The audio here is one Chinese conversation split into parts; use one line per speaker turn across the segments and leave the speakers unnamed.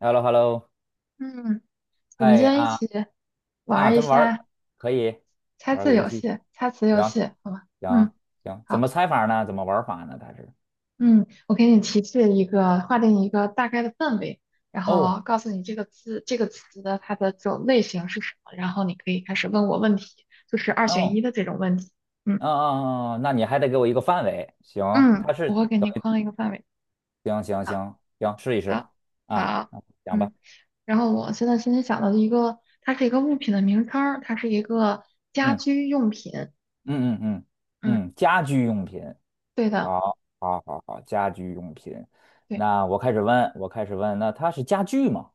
h e l l o h e l l o
嗯，我们今
嗨
天一
啊
起玩
啊，
儿一
咱玩儿
下
可以
猜
玩儿个
字
游
游
戏，
戏、猜词游
行
戏，好吗？嗯，
行行，怎
好，
么猜法呢？怎么玩法呢？
嗯，我给你提示一个，划定一个大概的范围，然
哦
后告诉你这个字、这个词的它的这种类型是什么，然后你可以开始问我问题，就是二选
，no，
一的这种问题。嗯
嗯嗯嗯，那你还得给我一个范围，行，
嗯，
它
我
是
会给
等
你框一个范围。
行行
好，
行行，试一试
好，
啊，
好，
啊讲吧，
嗯，然后我现在心里想到的一个，它是一个物品的名称儿它是一个家
嗯
居用品。
嗯嗯嗯
嗯，
嗯，家居用品，
对的。
好，好，好，好，家居用品，
对。
那我开始问，我开始问，那它是家具吗？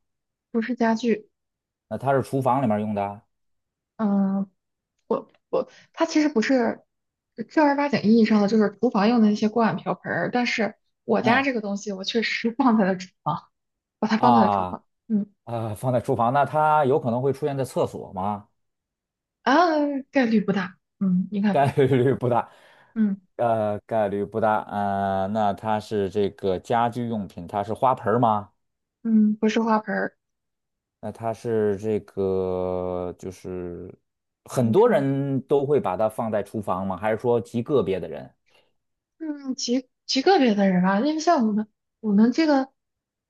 不是家具，
那它是厨房里面用的？
嗯，不，它其实不是正儿八经意义上的就是厨房用的那些锅碗瓢盆儿，但是我家
嗯
这个东西我确实 放在了厨房，把它放在了厨
啊，
房，嗯，
啊，放在厨房，那它有可能会出现在厕所吗？
啊，概率不大，嗯，应该
概
不，
率不大，
嗯
概率不大。那它是这个家居用品，它是花盆儿吗？
嗯，不是花盆儿，
那它是这个，就是很
你
多
说，
人都会把它放在厨房吗？还是说极个别的人？
嗯，极个别的人啊，因为像我们我们这个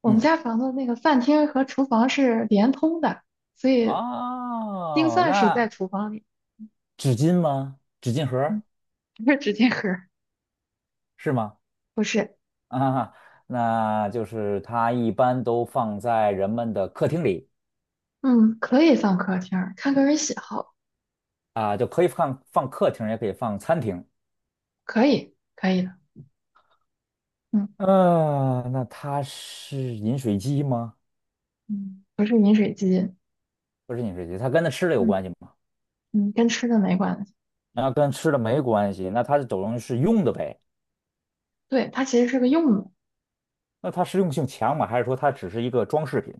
我们
嗯，
家房子那个饭厅和厨房是连通的，所以钉
哦，
算是在
那
厨房里，
纸巾吗？纸巾盒
嗯，
儿
不是纸巾盒儿
是吗？
不是。
啊，那就是它一般都放在人们的客厅里。
嗯，可以放客厅儿，看个人喜好，
啊，就可以放客厅，也可以放餐厅。
可以，可以的。嗯
嗯，那它是饮水机吗？
嗯不是饮水机，
不是饮水机，它跟那吃的有
嗯
关系吗？
嗯，跟吃的没关系。
那跟吃的没关系，那它等于是用的呗？
对，它其实是个用的，
那它实用性强吗？还是说它只是一个装饰品？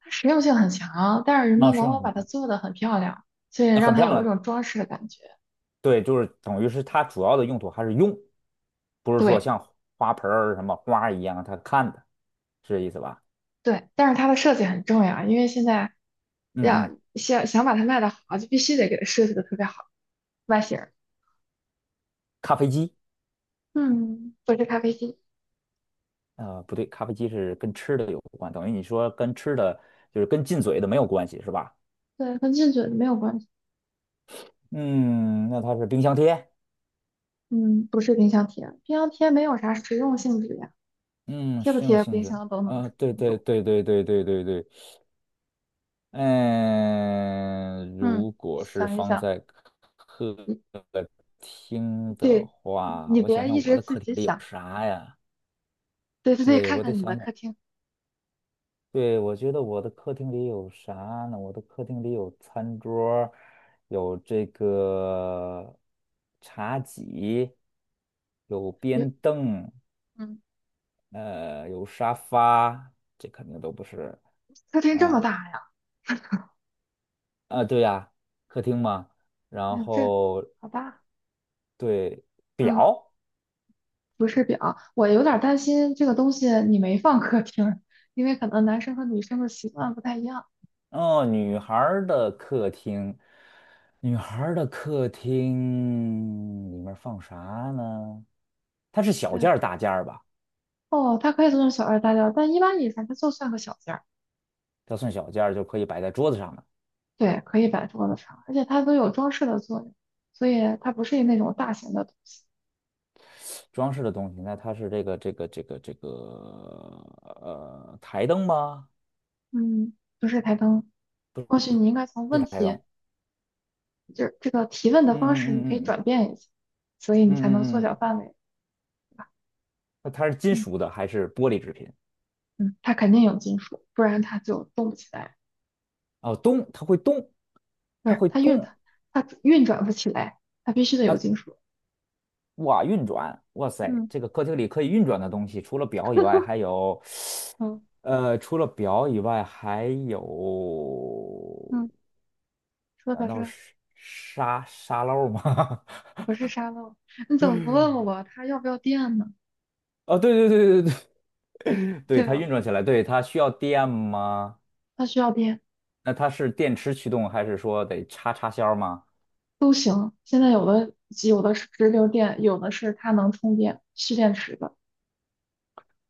它实用性很强，但是人
那
们
实
往
用
往
性
把它
强，
做得很漂亮，所以
那
让
很
它
漂
有一
亮，
种装饰的感觉。
对，就是等于是它主要的用途还是用，不是说
对
像花盆儿什么花儿一样它看的，是这意思吧？
对，但是它的设计很重要，因为现在
嗯
要
嗯，
想想把它卖的好，就必须得给它设计的特别好，外形儿，
咖啡机
嗯，不是咖啡机，
不对，咖啡机是跟吃的有关，等于你说跟吃的就是跟进嘴的没有关系是吧？
对，跟进嘴没有关系。
嗯，那它是冰箱贴，
嗯，不是冰箱贴，冰箱贴没有啥实用性质呀。
嗯，
贴不
实用
贴
性
冰
质，
箱都能正
啊、对
常
对
走。
对对对对对对，嗯、
嗯，
如果是
想一
放
想，
在客
你
厅的
对，
话，
你
我想
别
想
一
我
直
的
自
客
己
厅里有
想，
啥呀？
对对对，
对，
看
我得
看你的
想想。
客厅，
对，我觉得我的客厅里有啥呢？我的客厅里有餐桌儿有这个茶几，有
有，
边凳，
嗯，
有沙发，这肯定都不是。
客厅这么大
嗯
呀，
啊，对呀，客厅嘛。
哎
然
呦这
后
好大，
对
嗯，
表，
不是表，我有点儿担心这个东西你没放客厅，因为可能男生和女生的习惯不太一样。
哦，女孩儿的客厅，女孩儿的客厅里面放啥呢？它是小件
对，
儿大件儿吧？
哦，它可以做成小二大件儿，但一般以前它就算个小件儿。
它算小件儿就可以摆在桌子上的
对，可以摆桌子上，而且它都有装饰的作用，所以它不是那种大型的东西。
装饰的东西。那它是这个台灯吗？
嗯，不是台灯。或许你应该从问
台灯。
题，就是这个提问的
嗯
方式，你
嗯
可以
嗯嗯
转
嗯
变一下，所以
嗯
你才能缩
嗯
小
嗯，
范围。
那它是金
嗯
属的还是玻璃制品？
嗯，它肯定有金属，不然它就动不起来，
哦，动，它会动，
不
它
是
会
它运
动
它运转不起来，它必须得有
啊！
金属。
哇，运转，哇塞，
嗯
这个客厅里可以运转的东西，除了表以外，
嗯
除了表以外，还有，
嗯，说
难
到
道
这
是沙漏吗？
不是沙漏，你怎么不问 我它要不要电呢？
哦，对对对对对，对
对
它
吧？
运转起来，对它需要电吗？
它需要电，
那它是电池驱动，还是说得插销吗？
不行，现在有的有的是直流电，有的是它能充电蓄电池的，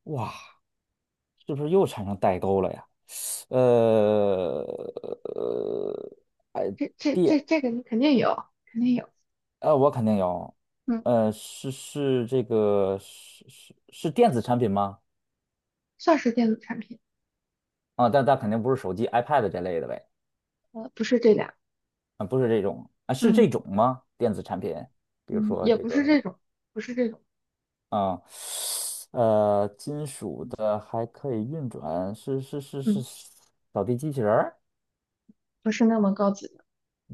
哇，是不是又产生代沟了呀？呃呃，
这个你肯定有，肯定有，
我肯定有，
嗯，
这个是电子产品吗？
算是电子产品。
啊，但肯定不是手机、iPad 这类的呗，
呃，不是这俩，
啊，不是这种啊，是这
嗯
种吗？电子产品，比如
嗯，
说
也
这
不是这
个。
种，不是这种，
啊，金属的还可以运转，是
嗯，
扫地机器人儿，
不是那么高级的，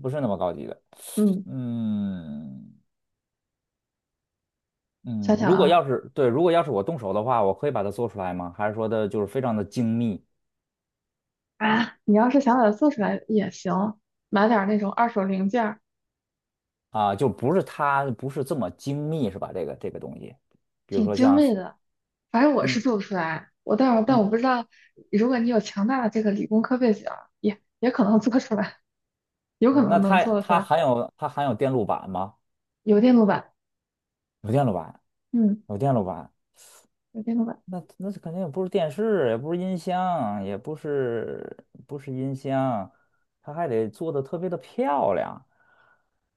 不是那么高级的。
嗯，
嗯
想
嗯，
想
如果
啊
要是对，如果要是我动手的话，我可以把它做出来吗？还是说的就是非常的精密
啊，你要是想把它做出来也行，买点儿那种二手零件儿，
啊？就不是它不是这么精密是吧？这个东西，比如
挺
说
精
像
美的，反正我是
嗯
做不出来，但
嗯
我不知道，如果你有强大的这个理工科背景儿也可能做出来，有可
嗯，那
能能
它
做得出
它
来，
含有它含有电路板吗？
有电路板，
有电路板，
嗯，
有电路板。
有电路板，
那肯定也不是电视，也不是音箱，也不是音箱，它还得做的特别的漂亮。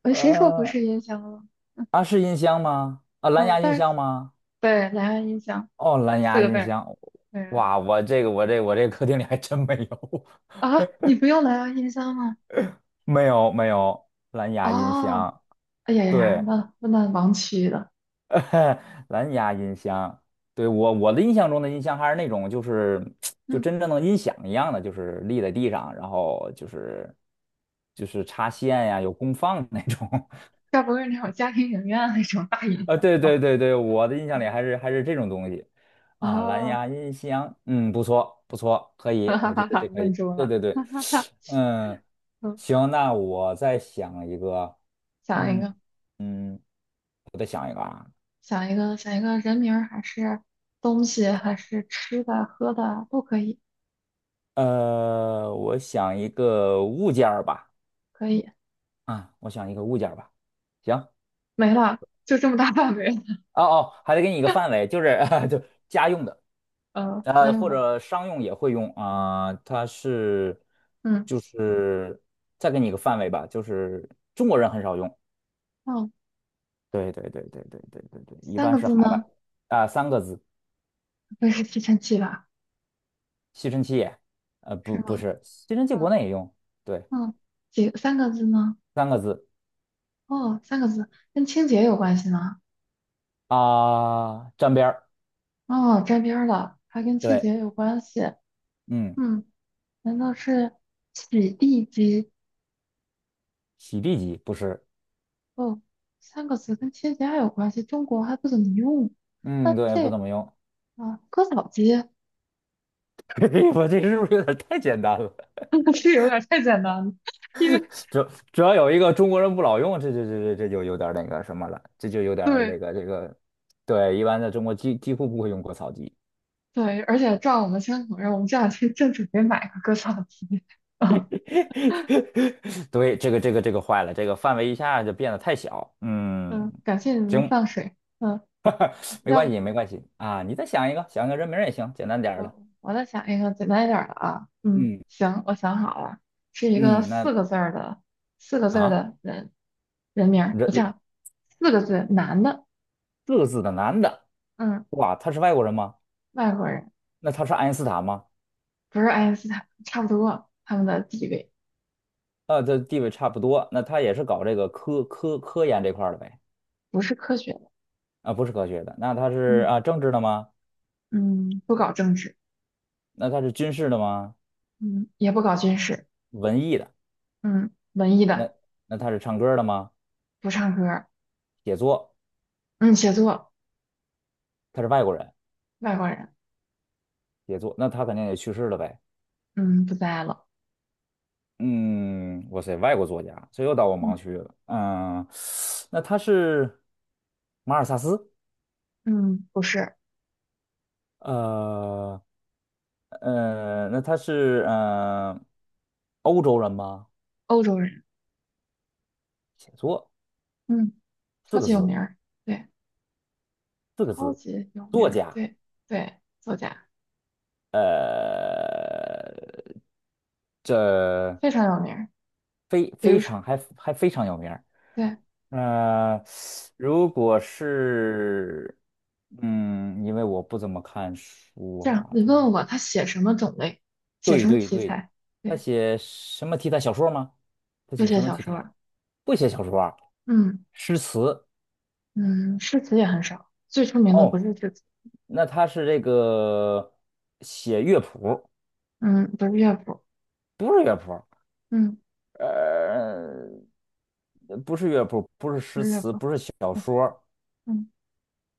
呃，谁说不
呃，
是音箱了？
啊，是音箱吗？啊，蓝
哦，
牙音
但是
箱吗？
对，蓝牙音箱
哦，蓝
四
牙
个字
音
儿，
箱。
对啊，
哇，我这个我这我这客厅里还真没有，
啊你不用蓝牙音箱吗？
没有没有蓝牙音
哦，
箱。
哎呀呀呀，
对，
那那盲区的，
蓝牙音箱，对，我的印象中的音箱还是那种，就
嗯，
真正的音响一样的，就是立在地上，然后就是插线呀，有功放那种。
该不会是那种家庭影院那种大音
啊，
响
对对
吧？
对对，我的印象里
啊
还是这种东西啊，蓝
啊，
牙音箱，嗯，不错不错，可
哈
以，
哈
我觉
哈
得
哈，
这可
问
以。
住
对
了，
对
哈
对，
哈哈，
嗯，
嗯，
行，那我再想一个，
想一
嗯
个，
嗯，我再想一个啊。
想一个，想一个人名儿还是东西还是吃的喝的都可以，
我想一个物件儿吧，
可以，
啊，我想一个物件儿吧。行，
没了，就这么大范围了，
哦哦，还得给你一个范围，就是 就家用的，
呃，家用
或
的，
者商用也会用啊，
嗯
就是再给你一个范围吧，就是中国人很少用。
嗯，
对对对对对对对对，一
三
般
个
是
字
海外
吗？
啊，三个字，
不会是吸尘器吧？
吸尘器
是
不不
吗？
是，吸尘器国
嗯
内也用，对，
嗯，几三个字呢？
三个字
哦，三个字，跟清洁有关系吗？
啊，沾边儿，
哦，沾边儿了，还跟清
对，
洁有关系。
嗯，
嗯，难道是洗地机？
洗地机不是。
哦，三个字跟清洁还有关系，中国还不怎么用。那
嗯，对，
这
不怎么用。
啊，割草机
我这是不是有点太简单了？
是有点太简单了，因为
主主要有一个中国人不老用，这就有点那个什么了，这就有点儿
对
这个这个，对，一般在中国几乎不会用割草机。
对，而且照我们相口人，我们这两天正准备买个割草机。啊，
对，这个坏了，这个范围一下就变得太小。嗯，
嗯，感谢你们的
行，
放水。嗯，
没
要
关
不
系没关系啊，你再想一个，想个人名儿也行，简单点儿的。
我再想一个简单一点儿的啊。嗯，
嗯
行，我想好了，是一个
嗯，
四
那
个字儿的。四个字儿
啊，
的，人。人名
人
儿，我
人
讲四个字，男的，
四个字的男的，
嗯，
哇，他是外国人吗？
外国人，
那他是爱因斯坦吗？
不是爱因斯坦，差不多，他们的地位
这地位差不多。那他也是搞这个科研这块儿的呗？
不是科学的，
啊，不是科学的。那他是
嗯
啊政治的吗？
嗯，不搞政治，
那他是军事的吗？
嗯，也不搞军事，
文艺的？
嗯，文艺
那
的，
那他是唱歌的吗？
不唱歌儿，
写作？
嗯，写作，
他是外国人，
外国人，
写作。那他肯定也去世了呗。
嗯，不在了，
嗯，哇塞，外国作家，这又到我
嗯
盲区了。嗯，那他是马尔萨斯？
嗯，不是
呃那他是欧洲人吗？
欧洲人，
写作
嗯，
四
超
个
级有
字，
名儿，对，
四个
超
字，
级有名
作
儿，
家。
对对，作家
呃，这
非常有名儿，
非
比
非
如说，
常还还非常有名儿。
对，
呃，如果是，嗯，因为我不怎么看书
这样
啊，
你
他
问我他写什么种类，写
对
什么
对
题
对，
材。
他
对。
写什么题材小说吗？他
就
写
写
什么
小
题
说
材？
儿
不写小说啊，
嗯
诗词
嗯，诗词也很少，最出名的不
哦。
是诗词，
那他是这个写乐谱，
嗯，不是乐府，
不是乐谱，
嗯，
呃，不是乐谱，不是
不
诗
是乐
词，
府，
不是小
对，
说儿，
嗯，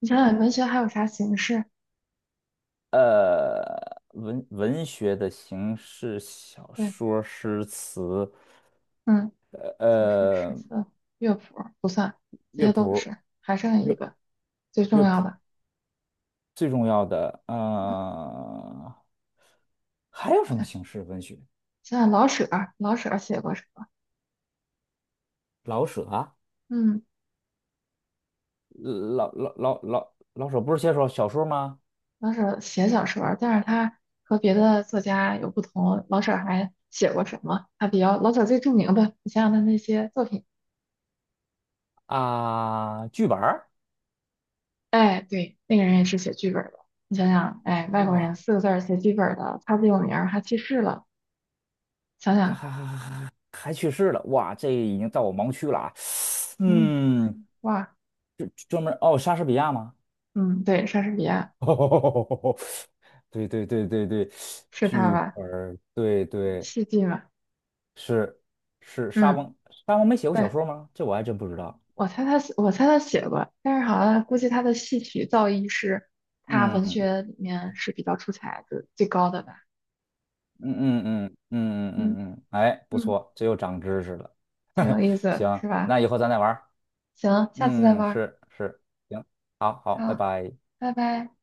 你想想文学还有啥形式？
文学的形式，小
对，
说儿、诗词，
嗯，小说、诗
呃，
词、乐府这
乐
些都
谱
不
儿，
是，还剩一
乐
个最重要的，
最重要的，
嗯，
还有什么
对，
形式文学？
想想老舍儿写过什么？
老舍啊，
嗯，
老舍不是写首小说吗？
老舍写小说儿但是他和别的作家有不同，老舍还写过什么？他比较，老舍最著名的，你想想他那些作品。
啊，剧本儿，
哎，对，那个人也是写剧本的。你想想，哎，外国人
哇，
四个字儿写剧本的，他最有名儿还去世了。想
还
想，
还还还还去世了，哇，这已经到我盲区了啊，
嗯，
嗯。
哇，
专专门哦，莎士比亚吗？
嗯，对，莎士比亚
对对对对对，
是他
剧
吧？
本儿对对
戏剧嘛，
是是沙
嗯，
翁，沙翁没写过小
对，
说吗？这我还真不知道。
我猜他写过，但是好像估计他的戏曲造诣是他文
嗯
学里面是比较出彩的最高的吧。
嗯嗯嗯嗯嗯
嗯
嗯嗯，哎，不
嗯，
错，这又长知识了。
挺有 意思，
行，
是吧？
那以后咱再玩儿
行，下次再
嗯，
玩儿
是是，行，好好，拜
好，
拜。
拜拜。